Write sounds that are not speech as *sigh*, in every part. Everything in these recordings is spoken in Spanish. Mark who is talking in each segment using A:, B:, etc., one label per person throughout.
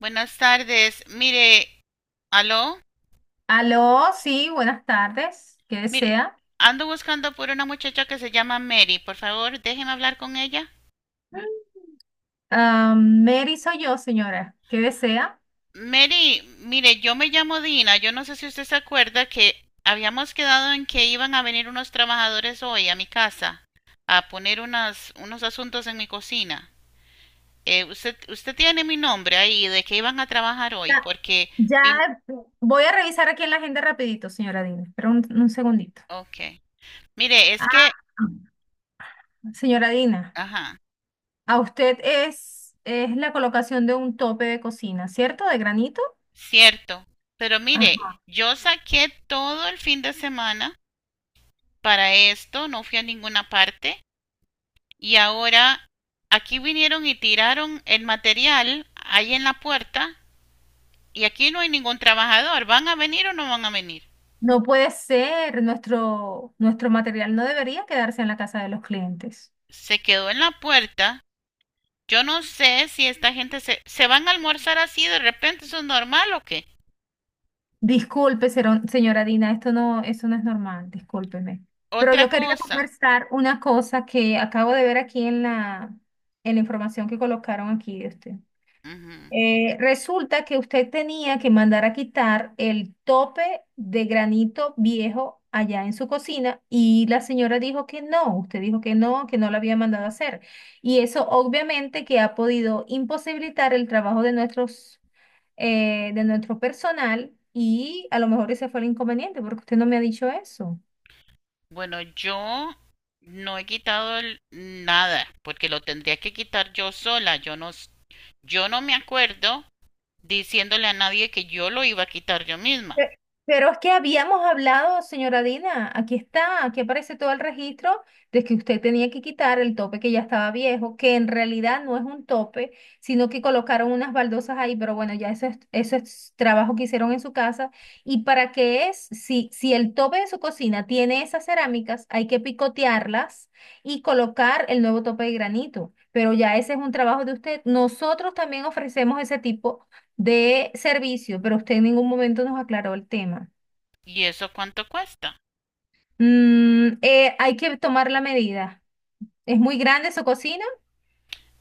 A: Buenas tardes. Mire, aló.
B: Aló, sí, buenas tardes. ¿Qué
A: Mire,
B: desea?
A: ando buscando por una muchacha que se llama Mary. Por favor, déjeme hablar con ella.
B: Ah, Mary soy yo, señora. ¿Qué desea?
A: Mary, mire, yo me llamo Dina. Yo no sé si usted se acuerda que habíamos quedado en que iban a venir unos trabajadores hoy a mi casa a poner unos asuntos en mi cocina. Usted tiene mi nombre ahí de que iban a trabajar hoy
B: Ya,
A: porque... mi-
B: ya, voy a revisar aquí en la agenda rapidito, señora Dina. Espera un segundito.
A: Ok. Mire, es que...
B: Ah, señora Dina,
A: Ajá.
B: a usted es la colocación de un tope de cocina, ¿cierto? De granito.
A: Cierto, pero mire,
B: Ajá.
A: yo saqué todo el fin de semana para esto, no fui a ninguna parte y ahora aquí vinieron y tiraron el material ahí en la puerta y aquí no hay ningún trabajador. ¿Van a venir o no van a venir?
B: No puede ser, nuestro material no debería quedarse en la casa de los clientes.
A: Se quedó en la puerta. Yo no sé si esta gente se van a almorzar así de repente, ¿eso es normal o qué?
B: Disculpe, señora Dina, esto no, eso no es normal, discúlpeme. Pero yo
A: Otra
B: quería
A: cosa.
B: conversar una cosa que acabo de ver aquí en en la información que colocaron aquí de usted.
A: Ujú.
B: Resulta que usted tenía que mandar a quitar el tope de granito viejo allá en su cocina y la señora dijo que no, usted dijo que no lo había mandado a hacer. Y eso obviamente que ha podido imposibilitar el trabajo de de nuestro personal y a lo mejor ese fue el inconveniente porque usted no me ha dicho eso.
A: Bueno, yo no he quitado el- nada, porque lo tendría que quitar yo sola. Yo no, s- yo no me acuerdo diciéndole a nadie que yo lo iba a quitar yo misma.
B: Pe- Pero es que habíamos hablado, señora Dina, aquí está, aquí aparece todo el registro de que usted tenía que quitar el tope que ya estaba viejo, que en realidad no es un tope, sino que colocaron unas baldosas ahí, pero bueno, eso es trabajo que hicieron en su casa. ¿Y para qué es? Si el tope de su cocina tiene esas cerámicas, hay que picotearlas y colocar el nuevo tope de granito. Pero ya ese es un trabajo de usted. Nosotros también ofrecemos ese tipo de servicio, pero usted en ningún momento nos aclaró el tema.
A: ¿Y eso cuánto cuesta?
B: Hay que tomar la medida. ¿Es muy grande su cocina?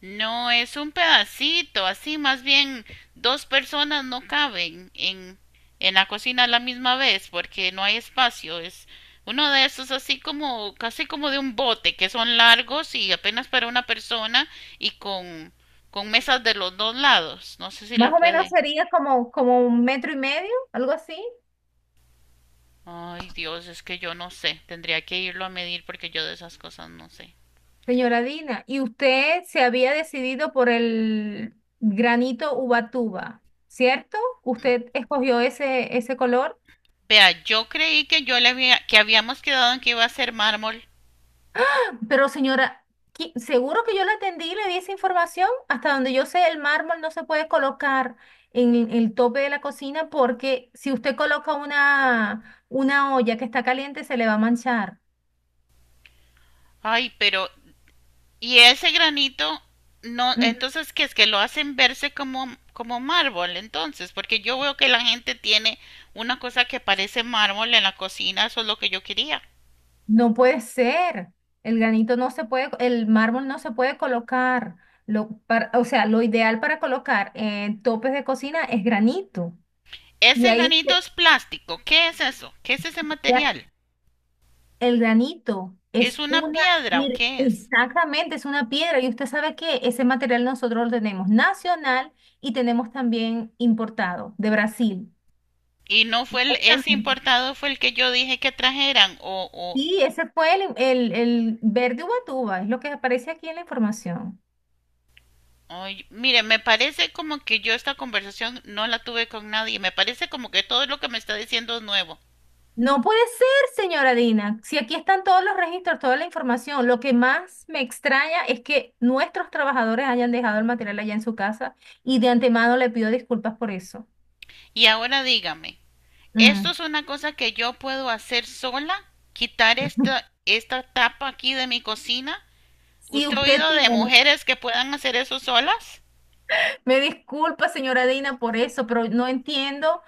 A: No, es un pedacito, así más bien dos personas no caben en la cocina a la misma vez porque no hay espacio. Es uno de esos así como, casi como de un bote, que son largos y apenas para una persona y con mesas de los dos lados. No sé si la
B: Más o menos
A: puede.
B: sería como 1,5 metros, algo así,
A: Ay, Dios, es que yo no sé. Tendría que irlo a medir porque yo de esas cosas no sé.
B: señora Dina. ¿Y usted se había decidido por el granito Ubatuba, cierto? ¿Usted escogió ese color?
A: Vea, yo creí que yo le había, que habíamos quedado en que iba a ser mármol.
B: Pero señora, seguro que yo la atendí y le di esa información. Hasta donde yo sé, el mármol no se puede colocar en el tope de la cocina porque si usted coloca una olla que está caliente, se le va a manchar.
A: Ay, pero y ese granito, no,
B: Ujú.
A: entonces, ¿qué es que lo hacen verse como, como mármol? Entonces, porque yo veo que la gente tiene una cosa que parece mármol en la cocina, eso es lo que yo quería.
B: No puede ser. El granito no se puede, el mármol no se puede colocar. O sea, lo ideal para colocar en topes de cocina es granito. Y
A: Ese
B: ahí
A: granito es plástico, ¿qué es eso? ¿Qué es ese
B: se-
A: material?
B: El granito
A: ¿Es
B: es
A: una piedra o
B: mire,
A: qué es?
B: exactamente, es una piedra y usted sabe que ese material nosotros lo tenemos nacional y tenemos también importado de Brasil.
A: Y no fue el, ese
B: Exactamente.
A: importado fue el que yo dije que trajeran o
B: Sí, ese fue el verde ubatuba, es lo que aparece aquí en la información.
A: ay, mire, me parece como que yo esta conversación no la tuve con nadie. Me parece como que todo lo que me está diciendo es nuevo.
B: No puede ser, señora Dina, si aquí están todos los registros, toda la información. Lo que más me extraña es que nuestros trabajadores hayan dejado el material allá en su casa y de antemano le pido disculpas por eso.
A: Y ahora dígame, esto
B: Mm.
A: es una cosa que yo puedo hacer sola, quitar esta tapa aquí de mi cocina.
B: Si
A: ¿Usted ha
B: usted
A: oído de
B: tiene
A: mujeres que puedan hacer eso solas?
B: me disculpa, señora Dina, por eso, pero no entiendo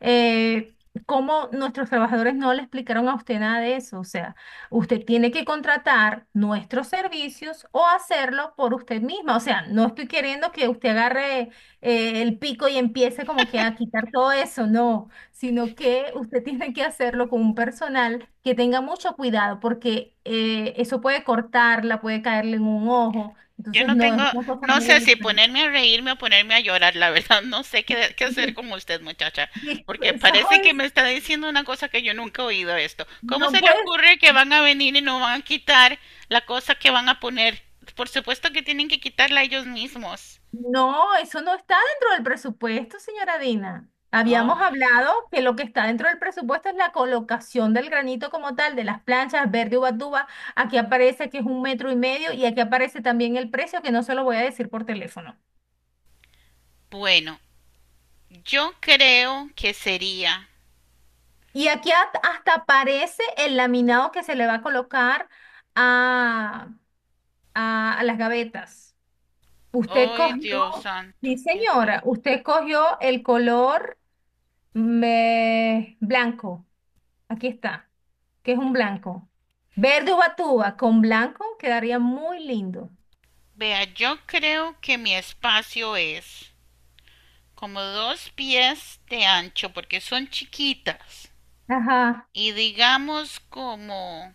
B: eh, cómo nuestros trabajadores no le explicaron a usted nada de eso. O sea, usted tiene que contratar nuestros servicios o hacerlo por usted misma. O sea, no estoy queriendo que usted agarre el pico y empiece como que a quitar todo eso, no, sino que usted *laughs* tiene que hacerlo con un personal que tenga mucho cuidado porque eso puede cortarla, puede caerle en un ojo.
A: Yo
B: Entonces,
A: no
B: no, es
A: tengo,
B: una cosa
A: no
B: muy
A: sé si
B: delicada.
A: ponerme a reírme o ponerme a llorar, la verdad, no sé qué, qué hacer con
B: *laughs*
A: usted, muchacha,
B: Dis-
A: porque parece que
B: sois-
A: me está diciendo una cosa que yo nunca he oído esto. ¿Cómo
B: no
A: se le
B: puedes,
A: ocurre que van a venir y no van a quitar la cosa que van a poner? Por supuesto que tienen que quitarla ellos mismos.
B: no, eso no está dentro del presupuesto, señora Dina.
A: Ah,
B: Habíamos hablado que lo que está dentro del presupuesto es la colocación del granito como tal, de las planchas verde ubatuba. Aquí aparece que es 1,5 metros y aquí aparece también el precio que no se lo voy a decir por teléfono.
A: bueno, yo creo que sería
B: Y aquí hasta aparece el laminado que se le va a colocar a, a las gavetas. Usted
A: ay, Dios
B: cogió,
A: santo,
B: sí
A: ¿qué es
B: señora,
A: esto?
B: usted cogió el color. Me... Blanco. Aquí está. ¿Qué es un blanco? Verde ubatuba con blanco quedaría muy lindo.
A: Vea, yo creo que mi espacio es como 2 pies de ancho porque son chiquitas
B: Ajá.
A: y digamos como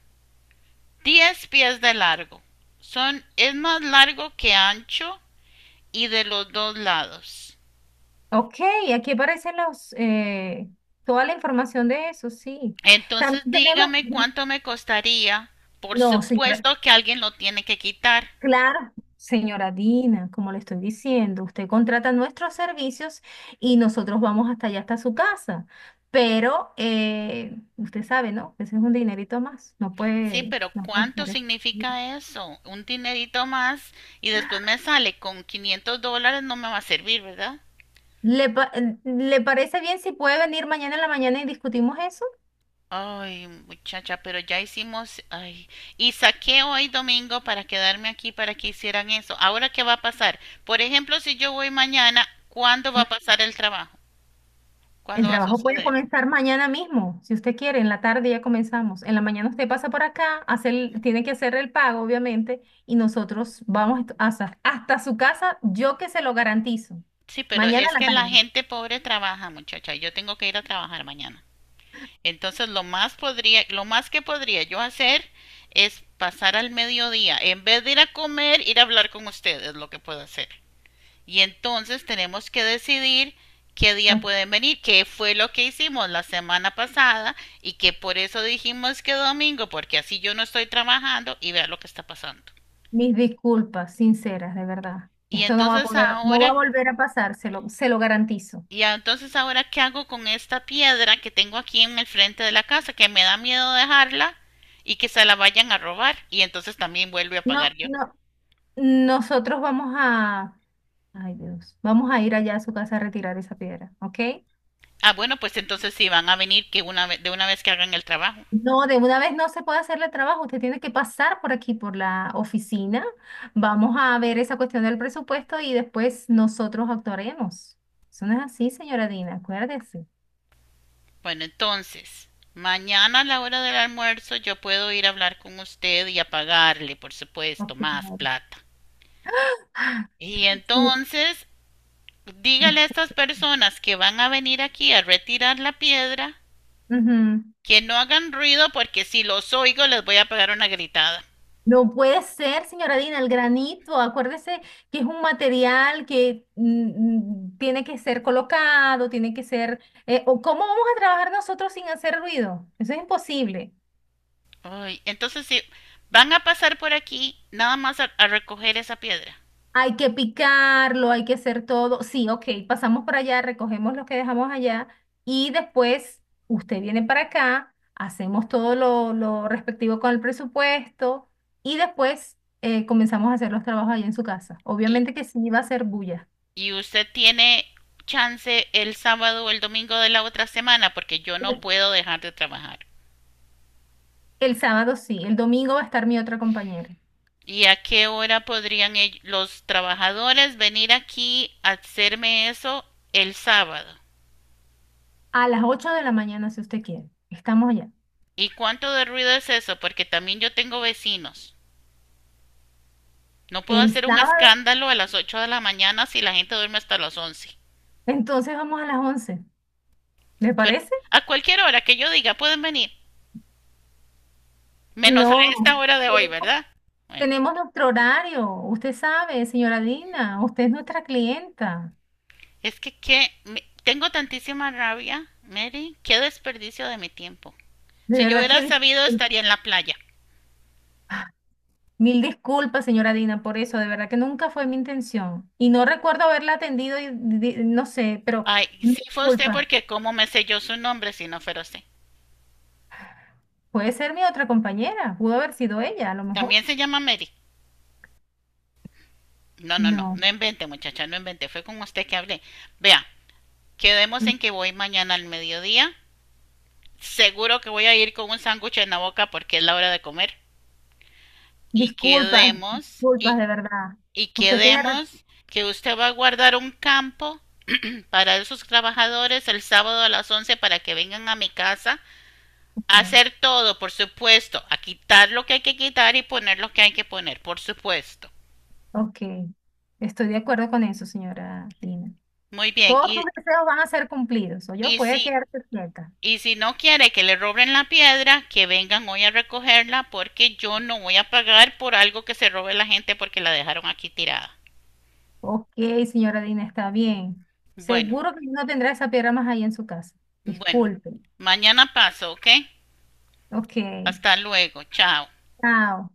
A: 10 pies de largo. Son, es más largo que ancho y de los dos lados.
B: Ok, aquí aparecen toda la información de eso, sí. También
A: Entonces
B: tenemos...
A: dígame cuánto me costaría. Por
B: No, señora.
A: supuesto que alguien lo tiene que quitar.
B: Claro. Señora Dina, como le estoy diciendo, usted contrata nuestros servicios y nosotros vamos hasta allá, hasta su casa. Pero usted sabe, ¿no? Ese es un dinerito más.
A: Sí, pero
B: No puede
A: ¿cuánto
B: ser eso.
A: significa eso? Un dinerito más y después me sale con $500, no me va a servir, ¿verdad?
B: ¿Le, pa- ¿Le parece bien si puede venir mañana en la mañana y discutimos eso?
A: Ay, muchacha, pero ya hicimos, ay, y saqué hoy domingo para quedarme aquí para que hicieran eso. Ahora, ¿qué va a pasar? Por ejemplo, si yo voy mañana, ¿cuándo va
B: Mm,
A: a pasar el trabajo?
B: El
A: ¿Cuándo va a
B: trabajo puede
A: suceder?
B: comenzar mañana mismo, si usted quiere, en la tarde ya comenzamos. En la mañana usted pasa por acá, tiene que hacer el pago, obviamente, y nosotros hasta, hasta su casa, yo que se lo garantizo.
A: Sí, pero
B: Mañana
A: es
B: en
A: que
B: la
A: la
B: tarde.
A: gente pobre trabaja, muchacha, y yo tengo que ir a trabajar mañana. Entonces lo más podría, lo más que podría yo hacer es pasar al mediodía, en vez de ir a comer, ir a hablar con ustedes, lo que puedo hacer. Y entonces tenemos que decidir qué día
B: Ok.
A: pueden venir, qué fue lo que hicimos la semana pasada y que por eso dijimos que domingo, porque así yo no estoy trabajando y vea lo que está pasando.
B: Mis disculpas sinceras, de verdad.
A: Y
B: Esto no va a
A: entonces
B: poder, no va a
A: ahora
B: volver a pasar, se lo garantizo.
A: Y entonces ahora qué hago con esta piedra que tengo aquí en el frente de la casa, que me da miedo dejarla y que se la vayan a robar. Y entonces también vuelvo a pagar
B: No,
A: yo.
B: no. Nosotros vamos a, ay Dios, vamos a ir allá a su casa a retirar esa piedra, ¿ok?
A: Ah, bueno, pues entonces sí van a venir que una ve- de una vez que hagan el trabajo.
B: No, de una vez no se puede hacerle trabajo, usted tiene que pasar por aquí, por la oficina. Vamos a ver esa cuestión del presupuesto y después nosotros actuaremos. Eso no es así, señora Dina, acuérdese.
A: Bueno, entonces, mañana a la hora del almuerzo yo puedo ir a hablar con usted y a pagarle, por supuesto,
B: Ok.
A: más plata. Y
B: Sí,
A: entonces, dígale a
B: discul-
A: estas personas que van a venir aquí a retirar la piedra
B: Ujú.
A: que no hagan ruido porque si los oigo les voy a pegar una gritada.
B: No puede ser, señora Dina, el granito. Acuérdese que es un material que tiene que ser colocado, tiene que ser... o ¿cómo vamos a trabajar nosotros sin hacer ruido? Eso es imposible.
A: Ay, entonces si van a pasar por aquí, nada más a recoger esa piedra.
B: Hay que picarlo, hay que hacer todo. Sí, ok, pasamos por allá, recogemos lo que dejamos allá y después usted viene para acá, hacemos todo lo respectivo con el presupuesto y después comenzamos a hacer los trabajos ahí en su casa.
A: Y,
B: Obviamente que sí va a ser bulla.
A: y usted tiene chance el sábado o el domingo de la otra semana porque yo no puedo dejar de trabajar.
B: El sábado sí, el domingo va a estar mi otra compañera.
A: ¿Y a qué hora podrían ell- los trabajadores venir aquí a hacerme eso el sábado?
B: A las 8 de la mañana, si usted quiere. Estamos allá.
A: ¿Y cuánto de ruido es eso? Porque también yo tengo vecinos. No puedo
B: El
A: hacer un
B: sábado,
A: escándalo a las 8 de la mañana si la gente duerme hasta las 11.
B: entonces vamos a las 11. ¿Le
A: Pero
B: parece?
A: a cualquier hora que yo diga pueden venir, menos a esta
B: No.
A: hora de hoy, ¿verdad? Bueno,
B: Tenemos nuestro horario. Usted sabe, señora Dina, usted es nuestra clienta.
A: es que me- tengo tantísima rabia, Mary, qué desperdicio de mi tiempo.
B: De
A: Si yo
B: verdad
A: hubiera
B: que
A: sabido estaría en la playa.
B: mil disculpas, señora Dina, por eso. De verdad que nunca fue mi intención. Y no recuerdo haberla atendido, y, no sé, pero
A: Ay, sí fue usted
B: disculpa.
A: porque cómo me selló su nombre si no fuera usted.
B: Puede ser mi otra compañera. Pudo haber sido ella, a lo mejor.
A: También se llama Mary. No, no, no,
B: No.
A: no invente muchacha, no invente, fue con usted que hablé. Vea, quedemos en que voy mañana al mediodía seguro que voy a ir con un sándwich en la boca porque es la hora de comer. Y
B: Disculpas,
A: quedemos,
B: disculpas de verdad.
A: y
B: Usted tiene
A: quedemos que usted va a guardar un campo *clears throat* para esos trabajadores el sábado a las 11 para que vengan a mi casa a
B: razón.
A: hacer todo, por supuesto, a quitar lo que hay que quitar y poner lo que hay que poner, por supuesto.
B: Ok, estoy de acuerdo con eso, señora Dina.
A: Muy bien,
B: Todos sus deseos van a ser cumplidos, o yo
A: y
B: puede
A: si
B: quedarse quieta.
A: no quiere que le roben la piedra, que vengan hoy a recogerla porque yo no voy a pagar por algo que se robe la gente porque la dejaron aquí tirada.
B: Ok, señora Dina, está bien.
A: Bueno,
B: Seguro que no tendrá esa piedra más ahí en su casa.
A: bueno.
B: Disculpe.
A: Mañana paso, ¿ok?
B: Ok,
A: Hasta luego. Chao.
B: chao.